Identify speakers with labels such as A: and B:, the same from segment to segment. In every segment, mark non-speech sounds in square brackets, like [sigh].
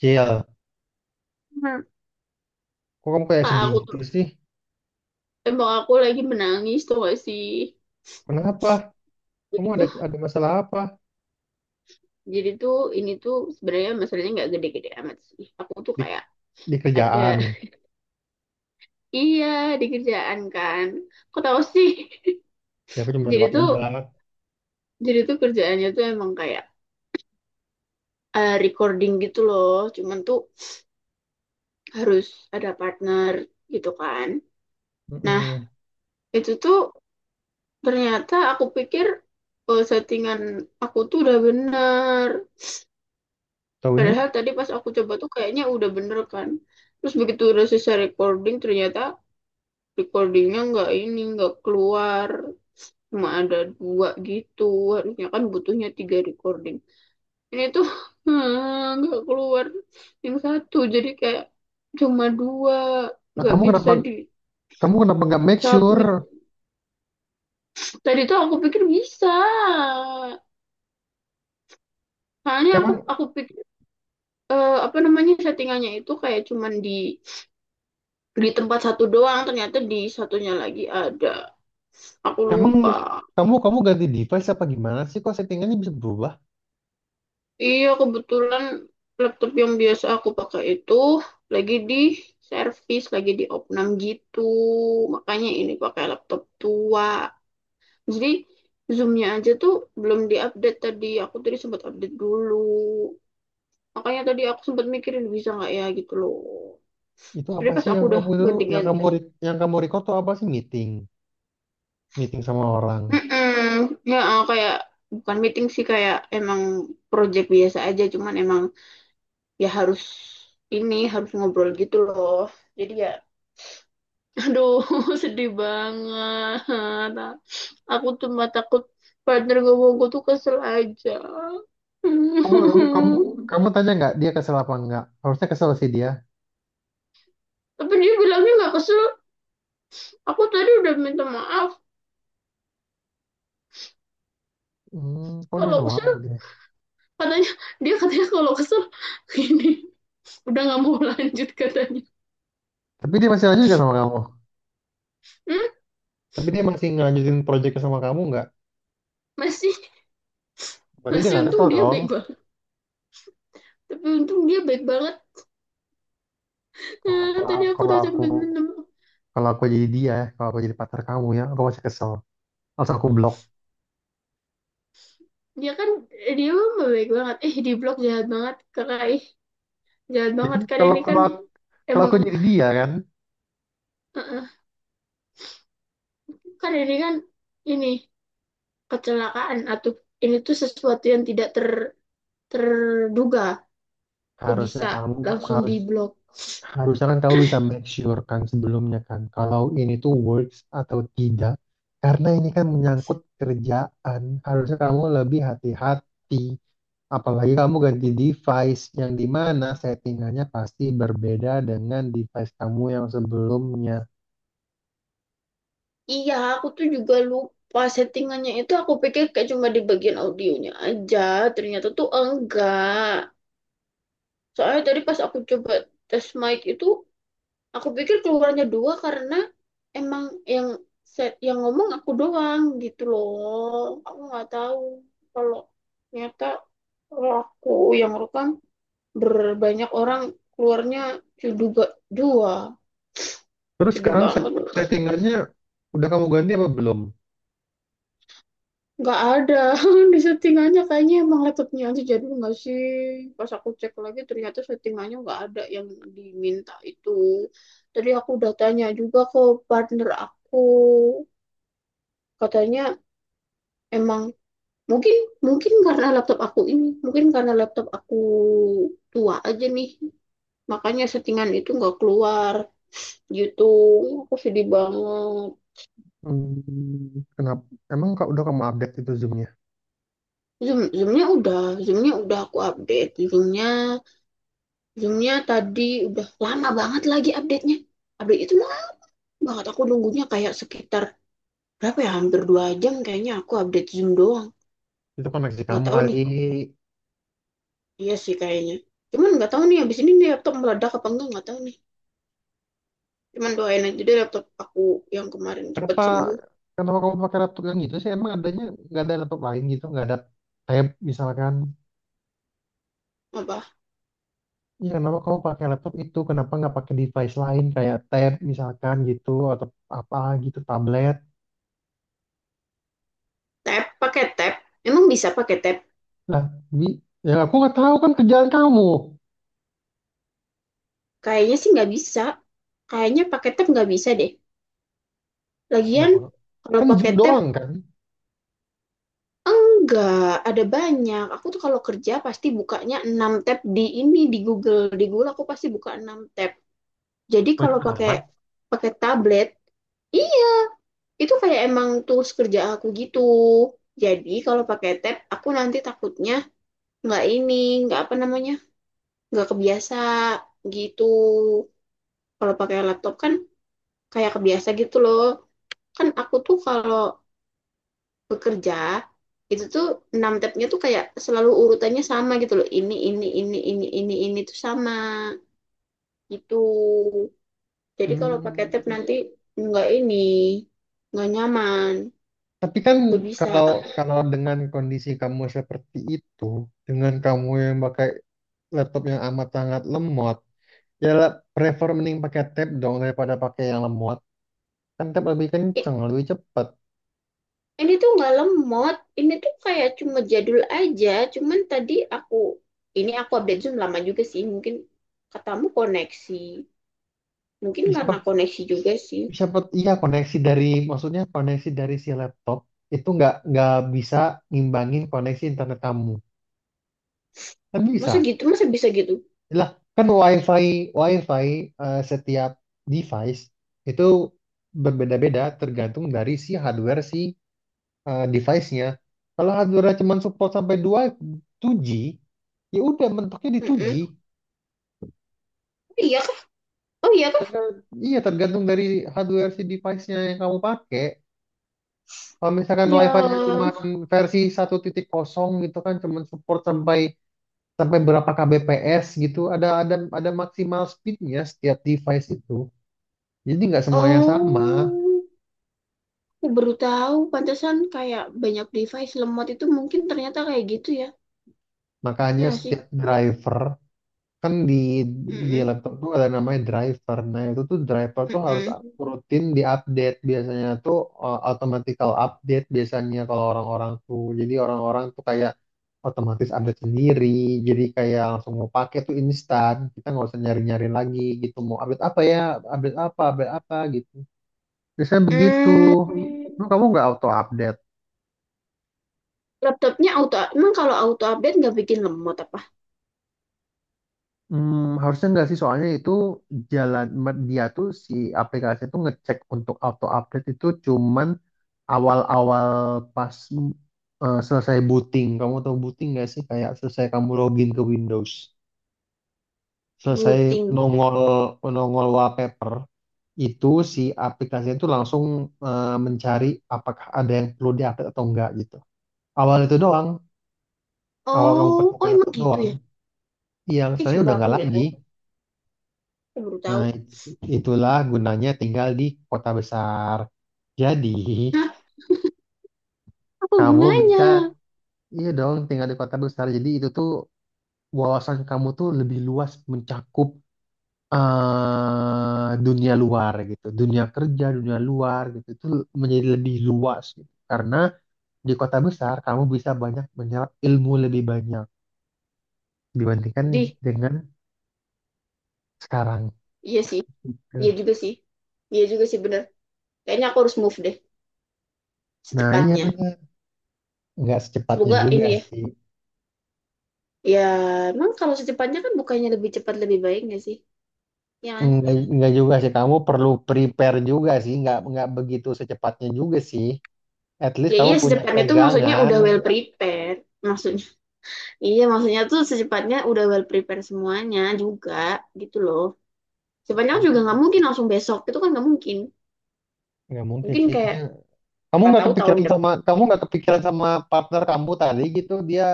A: Cil,
B: Bener.
A: kok kamu kayak
B: Kak,
A: sedih
B: aku
A: gitu
B: tuh
A: sih?
B: tembok aku lagi menangis tuh gak sih?
A: Kenapa? Kamu
B: jadi
A: ada
B: tuh
A: ada masalah apa
B: jadi tuh ini tuh sebenarnya masalahnya nggak gede-gede amat sih, aku tuh
A: di,
B: kayak
A: di
B: ada.
A: kerjaan?
B: [laughs] Iya, di kerjaan kan. Kok tahu sih?
A: Ya aku
B: [laughs]
A: cuma
B: jadi tuh
A: nebak-nebak.
B: jadi tuh kerjaannya tuh emang kayak recording gitu loh, cuman tuh harus ada partner gitu kan. Nah,
A: Mm-mm.
B: itu tuh ternyata aku pikir settingan aku tuh udah bener.
A: Taunya?
B: Padahal tadi pas aku coba tuh kayaknya udah bener kan. Terus begitu udah selesai recording, ternyata recordingnya nggak ini, nggak keluar. Cuma ada dua gitu. Harusnya kan butuhnya tiga recording. Ini tuh [laughs] nggak keluar yang satu. Jadi kayak cuma dua,
A: Nah,
B: nggak bisa di
A: kamu kenapa nggak make sure?
B: submit. Tadi tuh aku pikir bisa. Soalnya aku
A: Emang,
B: aku pikir apa namanya, settingannya itu kayak cuman di tempat satu doang, ternyata di satunya lagi ada. Aku
A: emang
B: lupa.
A: kamu kamu ganti device apa gimana sih? Kok settingannya bisa berubah?
B: Iya, kebetulan laptop yang biasa aku pakai itu lagi di servis, lagi di opnam gitu. Makanya ini pakai laptop tua. Jadi Zoom-nya aja tuh belum diupdate tadi. Aku tadi sempat update dulu. Makanya tadi aku sempat mikirin bisa nggak ya gitu loh.
A: Itu apa
B: Sebenernya pas
A: sih
B: aku
A: yang
B: udah
A: kamu itu yang
B: ganti-ganti.
A: yang kamu record tuh apa sih meeting? Meeting sama orang.
B: Mm-mm. Kayak bukan meeting sih, kayak emang project biasa aja, cuman emang ya harus ini, harus ngobrol gitu loh. Jadi ya [laughs] aduh, [laughs] sedih banget. Aku cuma takut partner gue mau gue tuh kesel aja.
A: Kamu kamu
B: [laughs]
A: tanya nggak dia kesel apa nggak? Harusnya kesel sih dia.
B: Tapi dia bilangnya nggak kesel. Aku tadi udah minta maaf.
A: Hmm, kamu udah minta
B: Kalau
A: maaf
B: kesel
A: sama dia.
B: katanya, dia katanya kalau kesel [laughs] ini udah nggak mau [laughs] lanjut katanya.
A: Tapi dia masih lanjut nggak sama kamu?
B: Hmm?
A: Tapi dia masih ngelanjutin proyeknya sama kamu nggak?
B: Masih.
A: Berarti dia
B: Masih
A: nggak kesel
B: untung dia
A: dong.
B: baik banget. Tapi untung dia baik banget.
A: Kalau
B: Ah,
A: aku,
B: tadi aku
A: kalau
B: udah
A: aku
B: sampai minta.
A: kalau aku jadi dia, ya, kalau aku jadi partner kamu ya, aku masih kesel. Langsung aku blok.
B: Dia kan dia mah baik banget, eh, di blok jahat banget kakak ih. Jahat
A: Ya
B: banget
A: kan?
B: kan
A: Kalau
B: ini kan.
A: kalau
B: Emang,
A: aku jadi dia kan,
B: eh, kan ini kan, ini kecelakaan atau ini tuh sesuatu yang tidak ter terduga. Kok
A: harusnya
B: bisa
A: kamu
B: langsung
A: harus
B: di blok?
A: harusnya kan kamu bisa make sure kan sebelumnya kan kalau ini tuh works atau tidak. Karena ini kan menyangkut kerjaan, harusnya kamu lebih hati-hati. Apalagi kamu ganti device yang di mana settingannya pasti berbeda dengan device kamu yang sebelumnya.
B: Iya, aku tuh juga lupa settingannya itu aku pikir kayak cuma di bagian audionya aja, ternyata tuh enggak. Soalnya tadi pas aku coba tes mic itu, aku pikir keluarnya dua karena emang yang set yang ngomong aku doang gitu loh. Aku nggak tahu kalau ternyata kalau aku yang rekam berbanyak orang keluarnya juga dua.
A: Terus
B: Sedih
A: sekarang
B: banget.
A: settingannya udah kamu ganti apa belum?
B: Nggak ada. [laughs] Di settingannya kayaknya emang laptopnya aja jadi nggak sih. Pas aku cek lagi ternyata settingannya nggak ada yang diminta itu. Tadi aku udah tanya juga ke partner aku. Katanya emang. Mungkin, mungkin karena laptop aku ini, mungkin karena laptop aku tua aja nih. Makanya settingan itu nggak keluar gitu. Aku sedih banget.
A: Hmm, kenapa? Emang kau udah kamu update itu zoomnya?
B: Zoom, zoomnya udah aku update. Zoomnya, zoomnya tadi udah lama banget lagi update-nya. Update itu lama banget aku nunggunya kayak sekitar berapa ya? Hampir 2 jam kayaknya aku update zoom doang.
A: Itu koneksi
B: Nggak
A: kamu
B: tahu
A: kali.
B: nih. Iya sih kayaknya. Cuman nggak tahu nih abis ini nih laptop meledak apa enggak, nggak tahu nih. Cuman doain aja deh laptop aku yang kemarin cepet
A: Kenapa?
B: sembuh.
A: Kenapa kamu pakai laptop yang itu sih? Emang adanya nggak ada laptop lain gitu? Nggak ada tab misalkan?
B: Apa?
A: Iya, kenapa kamu pakai laptop itu? Kenapa nggak pakai device lain kayak tab misalkan gitu atau apa gitu, tablet?
B: Tab? Pakai tab? Emang bisa pakai tab?
A: Lah, Bi, yang aku nggak tahu kan kerjaan kamu.
B: Kayaknya sih nggak bisa. Kayaknya pakai tab nggak bisa deh. Lagian
A: Kenapa?
B: kalau
A: Kan gym
B: pakai tab
A: doang kan?
B: enggak ada banyak. Aku tuh kalau kerja pasti bukanya 6 tab di ini di Google. Di Google aku pasti buka 6 tab. Jadi kalau
A: Banyak
B: pakai
A: amat.
B: pakai tablet, iya itu kayak emang tools kerja aku gitu. Jadi kalau pakai tab, aku nanti takutnya nggak ini, nggak apa namanya, nggak kebiasa gitu. Kalau pakai laptop kan kayak kebiasa gitu loh. Kan aku tuh kalau bekerja itu tuh 6 tabnya tuh kayak selalu urutannya sama gitu loh, ini tuh sama gitu. Jadi kalau pakai tab
A: Hmm,
B: nanti nggak ini, nggak nyaman,
A: tapi kan
B: nggak bisa.
A: kalau kalau dengan kondisi kamu seperti itu, dengan kamu yang pakai laptop yang amat sangat lemot, ya lah, prefer mending pakai tab dong daripada pakai yang lemot. Kan tab lebih kenceng, lebih cepat.
B: Ini tuh nggak lemot, ini tuh kayak cuma jadul aja. Cuman tadi aku, ini aku update Zoom lama juga sih. Mungkin katamu koneksi, mungkin
A: Bisa
B: karena
A: pak,
B: koneksi juga sih.
A: iya koneksi dari maksudnya koneksi dari si laptop itu nggak bisa ngimbangin koneksi internet kamu. Kan
B: Masa
A: bisa.
B: gitu, masa bisa gitu?
A: Lah, kan WiFi WiFi setiap device itu berbeda-beda tergantung dari si hardware si device-nya. Kalau hardware cuma support sampai 2G, ya udah mentoknya di 2G.
B: Mm-mm. Oh iya kah? Oh iya kah?
A: Tergan- iya tergantung dari hardware si device-nya yang kamu pakai. Kalau misalkan WiFi-nya cuma
B: Ya,
A: versi 1.0 gitu kan cuma support sampai sampai berapa kbps gitu, ada maksimal speed-nya setiap device itu. Jadi nggak semuanya sama.
B: oh, aku baru tahu. Pantesan kayak banyak device lemot itu mungkin ternyata kayak gitu ya.
A: Makanya
B: Ya nggak sih.
A: setiap kan di
B: Mm-mm.
A: laptop tuh ada namanya driver. Nah, itu tuh driver tuh harus
B: Mm-mm.
A: rutin diupdate. Biasanya tuh automatical update biasanya kalau orang-orang tuh. Jadi orang-orang tuh kayak otomatis update sendiri. Jadi kayak langsung mau pakai tuh instan. Kita nggak usah nyari-nyari lagi gitu. Mau update apa ya? Update apa? Update apa gitu. Biasanya begitu.
B: Mm.
A: Lu kamu nggak auto update?
B: Laptopnya auto, emang kalau auto update nggak bikin lemot apa?
A: Hmm, harusnya enggak sih, soalnya itu dia tuh si aplikasi tuh ngecek untuk auto update itu cuman awal-awal pas selesai booting. Kamu tahu booting nggak sih? Kayak selesai kamu login ke Windows, selesai
B: Buting.
A: nongol nongol wallpaper itu si aplikasi itu langsung mencari apakah ada yang perlu diupdate atau enggak gitu. Awal itu doang, awal kamu
B: Oh,
A: buka
B: oh emang
A: laptop
B: gitu
A: doang,
B: ya?
A: yang
B: Ih,
A: selanjutnya
B: sumpah
A: udah
B: aku
A: nggak
B: baru
A: lagi.
B: tahu. Aku baru
A: Nah,
B: tahu.
A: itulah gunanya tinggal di kota besar. Jadi,
B: Hah, apa
A: kamu bisa,
B: hubungannya?
A: iya dong, tinggal di kota besar. Jadi, itu tuh wawasan kamu tuh lebih luas mencakup eh dunia luar gitu. Dunia kerja, dunia luar gitu. Itu menjadi lebih luas gitu. Karena di kota besar kamu bisa banyak menyerap ilmu lebih banyak dibandingkan
B: Di,
A: dengan sekarang.
B: iya sih. Iya
A: Gitu.
B: juga sih. Iya juga sih bener. Kayaknya aku harus move deh
A: Nah, iya
B: secepatnya.
A: benar. Nggak secepatnya
B: Semoga
A: juga
B: ini ya.
A: sih.
B: Ya, emang kalau secepatnya kan bukannya lebih cepat lebih baik nggak sih? Ya kan?
A: Enggak juga sih, kamu perlu prepare juga sih, enggak begitu secepatnya juga sih. At least
B: Ya
A: kamu
B: iya
A: punya
B: secepatnya tuh maksudnya
A: pegangan.
B: udah well prepared. Maksudnya, iya maksudnya tuh secepatnya udah well prepared semuanya juga gitu loh. Secepatnya juga nggak mungkin
A: Hmm,
B: langsung besok, itu kan nggak mungkin.
A: enggak mungkin
B: Mungkin
A: sih itu.
B: kayak
A: Dia. Kamu
B: siapa
A: nggak
B: tahu tahun
A: kepikiran
B: depan,
A: sama partner kamu tadi gitu, dia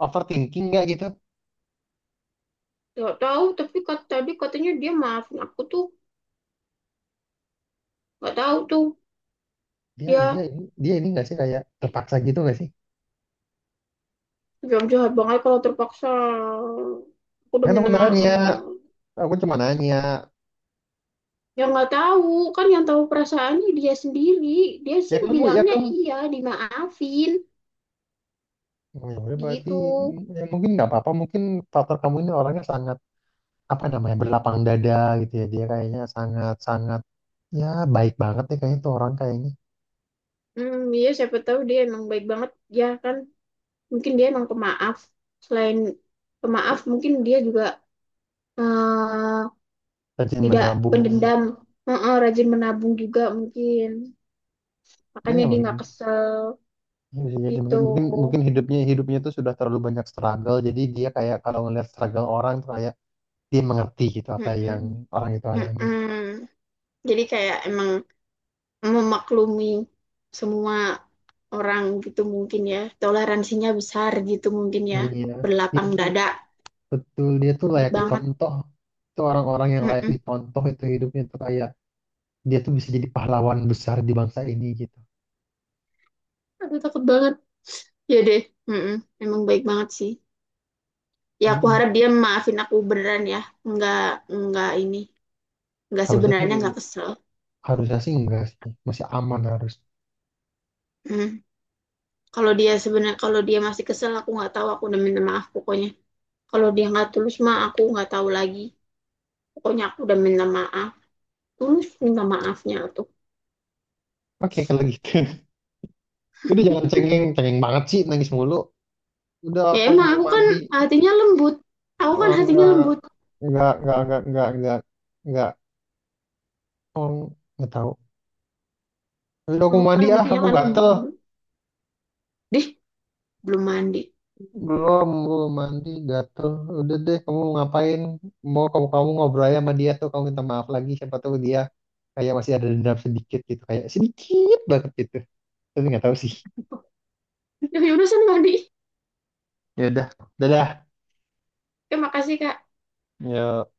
A: overthinking nggak gitu?
B: nggak tahu, tapi kat- tadi katanya dia maafin aku tuh. Nggak tahu tuh.
A: Dia
B: Dia
A: dia ini nggak sih kayak terpaksa gitu nggak sih?
B: jam jahat banget kalau terpaksa. Aku udah
A: Kan aku
B: minta
A: nanya,
B: maaf.
A: aku cuma nanya.
B: Ya nggak tahu, kan yang tahu perasaannya dia sendiri. Dia sih
A: Ya
B: bilangnya
A: kamu
B: iya, dimaafin
A: oh, ya udah berarti
B: gitu.
A: ya mungkin nggak apa-apa mungkin partner kamu ini orangnya sangat apa namanya berlapang dada gitu ya dia kayaknya sangat sangat ya, baik banget deh kayaknya tuh orang kayaknya
B: Hmm, iya siapa tahu dia emang baik banget ya kan. Mungkin dia emang pemaaf. Selain pemaaf, mungkin dia juga eh,
A: rajin
B: tidak
A: menabung.
B: pendendam. Rajin menabung juga mungkin. Makanya
A: Iya
B: dia nggak
A: mungkin.
B: kesel
A: Iya sih, jadi
B: gitu.
A: mungkin mungkin mungkin hidupnya hidupnya tuh sudah terlalu banyak struggle. Jadi dia kayak kalau ngeliat struggle orang tuh kayak dia mengerti gitu apa yang
B: Mm-mm.
A: orang itu alami.
B: Mm-mm. Jadi kayak emang memaklumi semua orang gitu mungkin ya. Toleransinya besar gitu mungkin ya.
A: Iya, dia
B: Berlapang
A: tuh
B: dada,
A: betul dia tuh
B: baik
A: layak
B: banget.
A: dicontoh. Itu orang-orang yang layak
B: Mm-mm.
A: dicontoh itu hidupnya tuh kayak dia tuh bisa jadi pahlawan besar di bangsa ini gitu.
B: Aduh takut banget. Iya deh. Mm-mm. Emang baik banget sih. Ya aku
A: Mm-mm.
B: harap dia maafin aku beneran ya. nggak nggak ini. Nggak,
A: Harusnya sih
B: sebenarnya nggak kesel.
A: harusnya sih enggak sih. Masih aman harus.
B: Mm. Kalau dia sebenarnya kalau dia masih kesel aku nggak tahu, aku udah minta maaf pokoknya. Kalau dia nggak tulus mah aku nggak tahu lagi. Pokoknya aku udah minta maaf. Tulus minta maafnya tuh.
A: Oke, kalau gitu. [laughs] Udah jangan cengeng, cengeng banget sih nangis mulu. Udah
B: Ya
A: aku
B: emang
A: mau
B: aku kan
A: mandi.
B: hatinya lembut. Aku kan hatinya lembut.
A: Eh, nggak nggak nggak nggak nggak nggak nggak oh, nggak tahu. Udah aku
B: Aku
A: mandi
B: kan
A: ah
B: hatinya
A: aku
B: kan
A: gatel.
B: lembut. Deh, belum mandi.
A: Belum belum mandi gatel. Udah deh kamu ngapain mau kamu kamu ngobrol aja sama dia tuh kamu minta maaf lagi siapa tahu dia kayak masih ada dendam sedikit gitu kayak sedikit banget gitu tapi nggak tahu sih.
B: Ya udah sana mandi.
A: Ya udah, dadah.
B: Terima kasih, Kak.
A: Yuk.